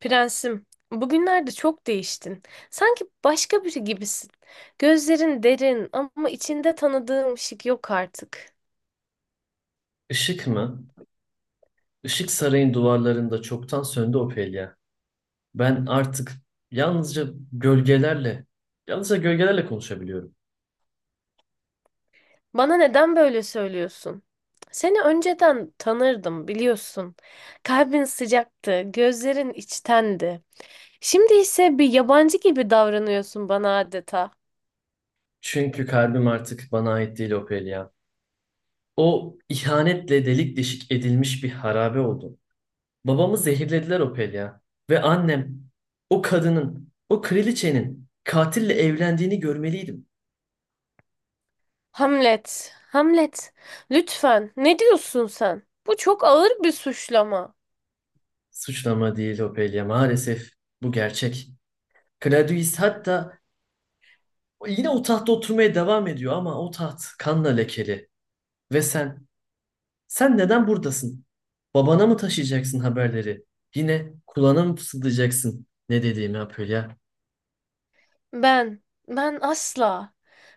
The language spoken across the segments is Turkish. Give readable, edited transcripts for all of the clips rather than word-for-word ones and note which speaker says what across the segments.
Speaker 1: Prensim, bugünlerde çok değiştin. Sanki başka biri gibisin. Gözlerin derin ama içinde tanıdığım ışık yok artık.
Speaker 2: Işık mı? Işık sarayın duvarlarında çoktan söndü, Ophelia. Ben artık yalnızca gölgelerle, yalnızca gölgelerle konuşabiliyorum.
Speaker 1: Bana neden böyle söylüyorsun? Seni önceden tanırdım biliyorsun. Kalbin sıcaktı, gözlerin içtendi. Şimdi ise bir yabancı gibi davranıyorsun bana adeta.
Speaker 2: Çünkü kalbim artık bana ait değil, Ophelia. O, ihanetle delik deşik edilmiş bir harabe oldu. Babamı zehirlediler, Ophelia. Ve annem, o kadının, o kraliçenin katille evlendiğini görmeliydim.
Speaker 1: Hamlet, Hamlet, lütfen ne diyorsun sen? Bu çok ağır bir suçlama.
Speaker 2: Suçlama değil Ophelia, maalesef bu gerçek. Claudius hatta yine o tahtta oturmaya devam ediyor ama o taht kanla lekeli. Ve sen, sen neden buradasın? Babana mı taşıyacaksın haberleri? Yine kulağına mı fısıldayacaksın ne dediğimi, Apolya?
Speaker 1: Ben, ben asla.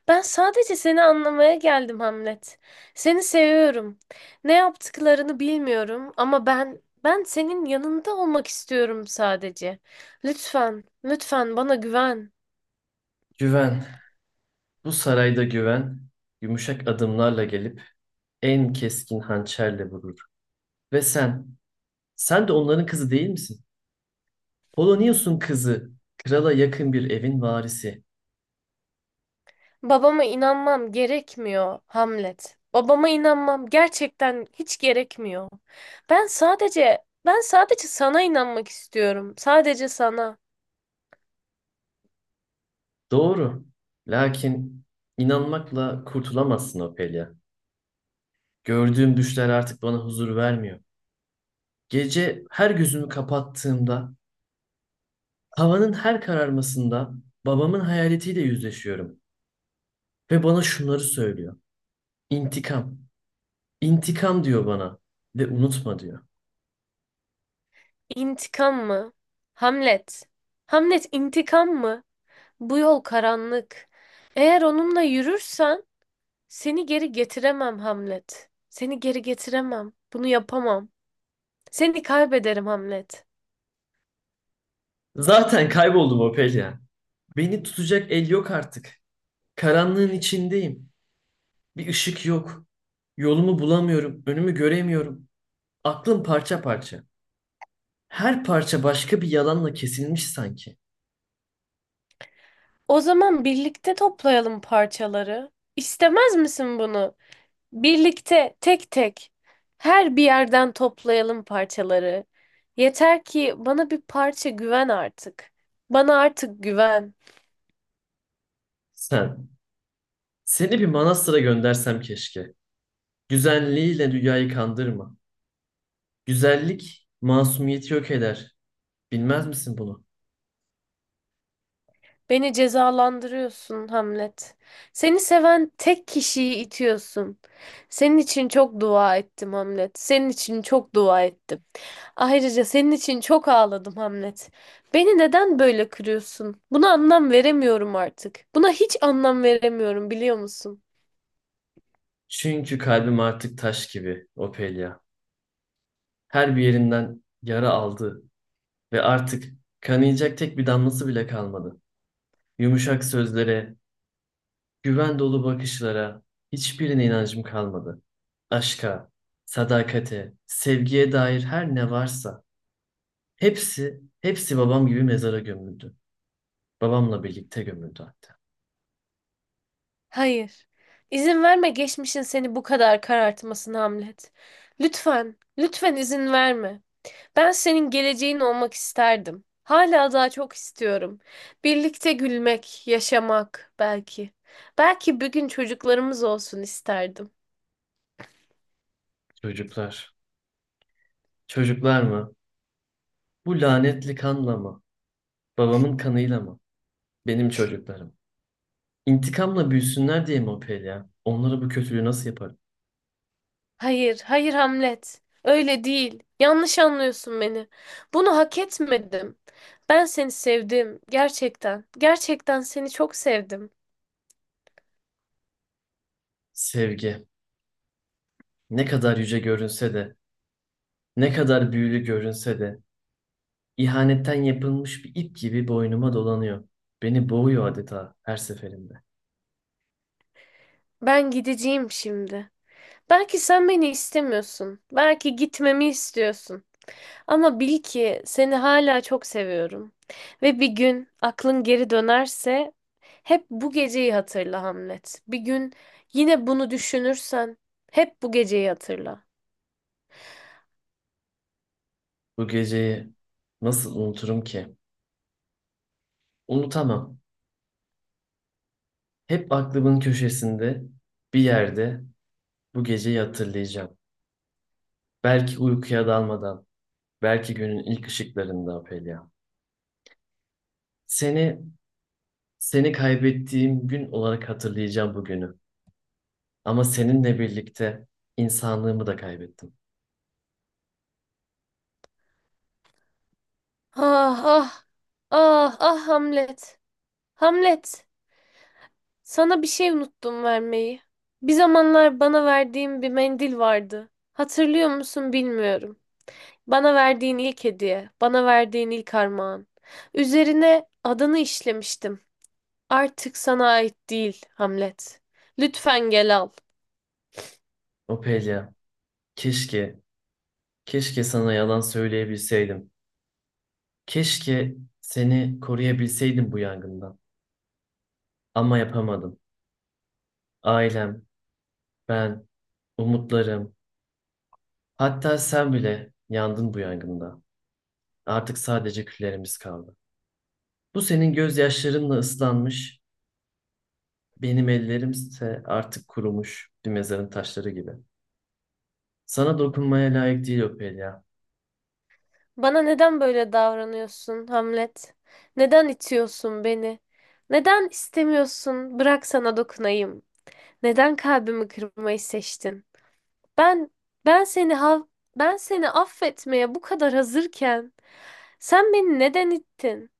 Speaker 1: Ben sadece seni anlamaya geldim Hamlet. Seni seviyorum. Ne yaptıklarını bilmiyorum ama ben senin yanında olmak istiyorum sadece. Lütfen bana güven.
Speaker 2: Güven, bu sarayda güven, yumuşak adımlarla gelip en keskin hançerle vurur. Ve sen, sen de onların kızı değil misin? Polonius'un kızı, krala yakın bir evin varisi.
Speaker 1: Babama inanmam gerekmiyor Hamlet. Babama inanmam gerçekten hiç gerekmiyor. Ben sadece sana inanmak istiyorum. Sadece sana.
Speaker 2: Doğru. Lakin inanmakla kurtulamazsın, Ophelia. Gördüğüm düşler artık bana huzur vermiyor. Gece her gözümü kapattığımda, havanın her kararmasında babamın hayaletiyle yüzleşiyorum. Ve bana şunları söylüyor: İntikam. İntikam diyor bana. Ve unutma diyor.
Speaker 1: İntikam mı? Hamlet. Hamlet intikam mı? Bu yol karanlık. Eğer onunla yürürsen seni geri getiremem Hamlet. Seni geri getiremem. Bunu yapamam. Seni kaybederim Hamlet.
Speaker 2: Zaten kayboldum Ophelia. Beni tutacak el yok artık. Karanlığın içindeyim. Bir ışık yok. Yolumu bulamıyorum. Önümü göremiyorum. Aklım parça parça. Her parça başka bir yalanla kesilmiş sanki.
Speaker 1: O zaman birlikte toplayalım parçaları. İstemez misin bunu? Birlikte tek tek her bir yerden toplayalım parçaları. Yeter ki bana bir parça güven artık. Bana artık güven.
Speaker 2: Sen. Seni bir manastıra göndersem keşke. Güzelliğiyle dünyayı kandırma. Güzellik masumiyeti yok eder. Bilmez misin bunu?
Speaker 1: Beni cezalandırıyorsun Hamlet. Seni seven tek kişiyi itiyorsun. Senin için çok dua ettim Hamlet. Senin için çok dua ettim. Ayrıca senin için çok ağladım Hamlet. Beni neden böyle kırıyorsun? Buna anlam veremiyorum artık. Buna hiç anlam veremiyorum biliyor musun?
Speaker 2: Çünkü kalbim artık taş gibi, Ophelia. Her bir yerinden yara aldı ve artık kanayacak tek bir damlası bile kalmadı. Yumuşak sözlere, güven dolu bakışlara, hiçbirine inancım kalmadı. Aşka, sadakate, sevgiye dair her ne varsa hepsi, hepsi babam gibi mezara gömüldü. Babamla birlikte gömüldü hatta.
Speaker 1: Hayır. İzin verme geçmişin seni bu kadar karartmasına Hamlet. Lütfen izin verme. Ben senin geleceğin olmak isterdim. Hala daha çok istiyorum. Birlikte gülmek, yaşamak belki. Belki bir gün çocuklarımız olsun isterdim.
Speaker 2: Çocuklar. Çocuklar mı? Bu lanetli kanla mı? Babamın kanıyla mı? Benim çocuklarım. İntikamla büyüsünler diye mi, o Pelya? Onlara bu kötülüğü nasıl yaparım?
Speaker 1: Hayır Hamlet. Öyle değil. Yanlış anlıyorsun beni. Bunu hak etmedim. Ben seni sevdim. Gerçekten. Gerçekten seni çok sevdim.
Speaker 2: Sevgi. Ne kadar yüce görünse de, ne kadar büyülü görünse de, ihanetten yapılmış bir ip gibi boynuma dolanıyor. Beni boğuyor adeta her seferinde.
Speaker 1: Ben gideceğim şimdi. Belki sen beni istemiyorsun. Belki gitmemi istiyorsun. Ama bil ki seni hala çok seviyorum. Ve bir gün aklın geri dönerse hep bu geceyi hatırla Hamlet. Bir gün yine bunu düşünürsen hep bu geceyi hatırla.
Speaker 2: Bu geceyi nasıl unuturum ki? Unutamam. Hep aklımın köşesinde, bir yerde bu geceyi hatırlayacağım. Belki uykuya dalmadan, belki günün ilk ışıklarında, Pelia. Seni, seni kaybettiğim gün olarak hatırlayacağım bugünü. Ama seninle birlikte insanlığımı da kaybettim.
Speaker 1: Ah ah ah Hamlet. Hamlet. Sana bir şey unuttum vermeyi. Bir zamanlar bana verdiğin bir mendil vardı. Hatırlıyor musun bilmiyorum. Bana verdiğin ilk hediye, bana verdiğin ilk armağan. Üzerine adını işlemiştim. Artık sana ait değil, Hamlet. Lütfen gel al.
Speaker 2: O Opelia, keşke, keşke sana yalan söyleyebilseydim. Keşke seni koruyabilseydim bu yangından. Ama yapamadım. Ailem, ben, umutlarım, hatta sen bile yandın bu yangında. Artık sadece küllerimiz kaldı. Bu senin gözyaşlarınla ıslanmış. Benim ellerimse artık kurumuş bir mezarın taşları gibi. Sana dokunmaya layık değil, Ophelia.
Speaker 1: Bana neden böyle davranıyorsun, Hamlet? Neden itiyorsun beni? Neden istemiyorsun, bırak sana dokunayım? Neden kalbimi kırmayı seçtin? Ben ben seni ha- ben seni affetmeye bu kadar hazırken sen beni neden ittin?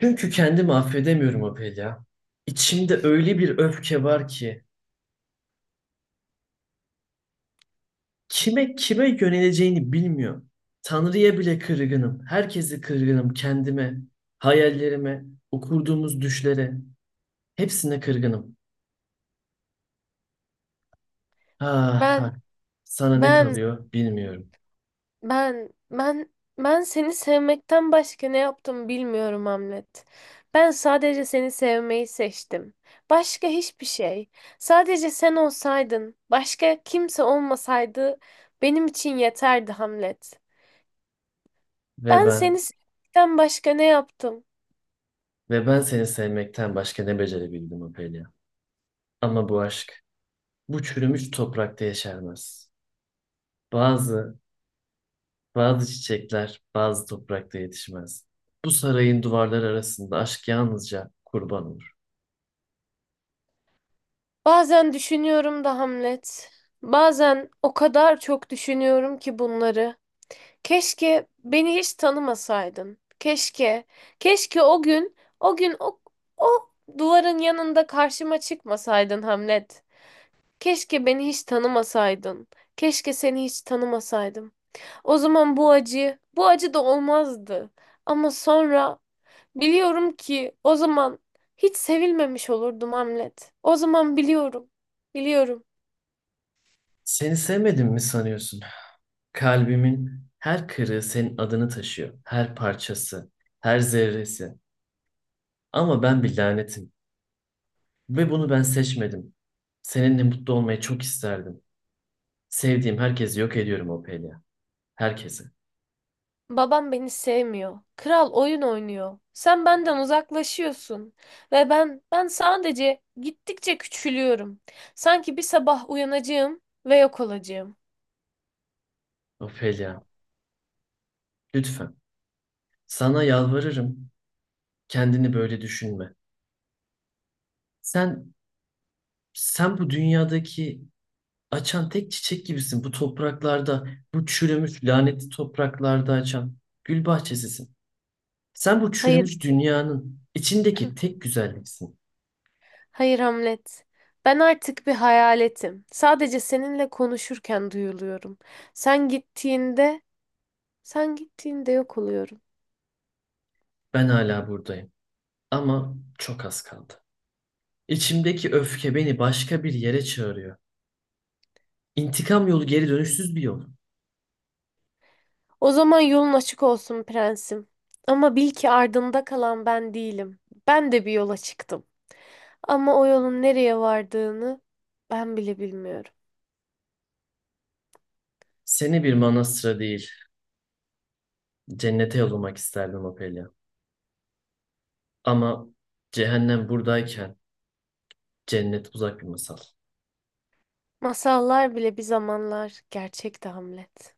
Speaker 2: Çünkü kendimi affedemiyorum, Ophelia. İçimde öyle bir öfke var ki kime yöneleceğini bilmiyorum. Tanrı'ya bile kırgınım. Herkese kırgınım. Kendime, hayallerime, o kurduğumuz düşlere. Hepsine kırgınım. Ah,
Speaker 1: Ben
Speaker 2: ah. Sana ne
Speaker 1: ben
Speaker 2: kalıyor bilmiyorum.
Speaker 1: ben ben ben seni sevmekten başka ne yaptım bilmiyorum Hamlet. Ben sadece seni sevmeyi seçtim. Başka hiçbir şey. Sadece sen olsaydın, başka kimse olmasaydı benim için yeterdi Hamlet.
Speaker 2: Ve
Speaker 1: Ben
Speaker 2: ben,
Speaker 1: seni sevmekten başka ne yaptım?
Speaker 2: ve ben seni sevmekten başka ne becerebildim, Ophelia. Ama bu aşk bu çürümüş toprakta yeşermez. Bazı, bazı çiçekler bazı toprakta yetişmez. Bu sarayın duvarları arasında aşk yalnızca kurban olur.
Speaker 1: Bazen düşünüyorum da Hamlet. Bazen o kadar çok düşünüyorum ki bunları. Keşke beni hiç tanımasaydın. Keşke o gün, o duvarın yanında karşıma çıkmasaydın Hamlet. Keşke beni hiç tanımasaydın. Keşke seni hiç tanımasaydım. O zaman bu acı da olmazdı. Ama sonra biliyorum ki o zaman hiç sevilmemiş olurdum Hamlet. O zaman biliyorum.
Speaker 2: Seni sevmedim mi sanıyorsun? Kalbimin her kırığı senin adını taşıyor. Her parçası, her zerresi. Ama ben bir lanetim ve bunu ben seçmedim. Seninle mutlu olmayı çok isterdim. Sevdiğim herkesi yok ediyorum, Ophelia. Herkesi.
Speaker 1: Babam beni sevmiyor. Kral oyun oynuyor. Sen benden uzaklaşıyorsun ve ben sadece gittikçe küçülüyorum. Sanki bir sabah uyanacağım ve yok olacağım.
Speaker 2: Ophelia, lütfen. Sana yalvarırım. Kendini böyle düşünme. Sen sen bu dünyadaki açan tek çiçek gibisin. Bu topraklarda, bu çürümüş lanetli topraklarda açan gül bahçesisin. Sen bu
Speaker 1: Hayır.
Speaker 2: çürümüş dünyanın içindeki tek güzelliksin.
Speaker 1: Hayır Hamlet. Ben artık bir hayaletim. Sadece seninle konuşurken duyuluyorum. Sen gittiğinde, sen gittiğinde yok oluyorum.
Speaker 2: Ben hala buradayım ama çok az kaldı. İçimdeki öfke beni başka bir yere çağırıyor. İntikam yolu geri dönüşsüz bir yol.
Speaker 1: O zaman yolun açık olsun prensim. Ama bil ki ardında kalan ben değilim. Ben de bir yola çıktım. Ama o yolun nereye vardığını ben bile bilmiyorum.
Speaker 2: Seni bir manastıra değil, cennete yollamak isterdim, Ophelia. Ama cehennem buradayken cennet uzak bir masal.
Speaker 1: Masallar bile bir zamanlar gerçekti Hamlet.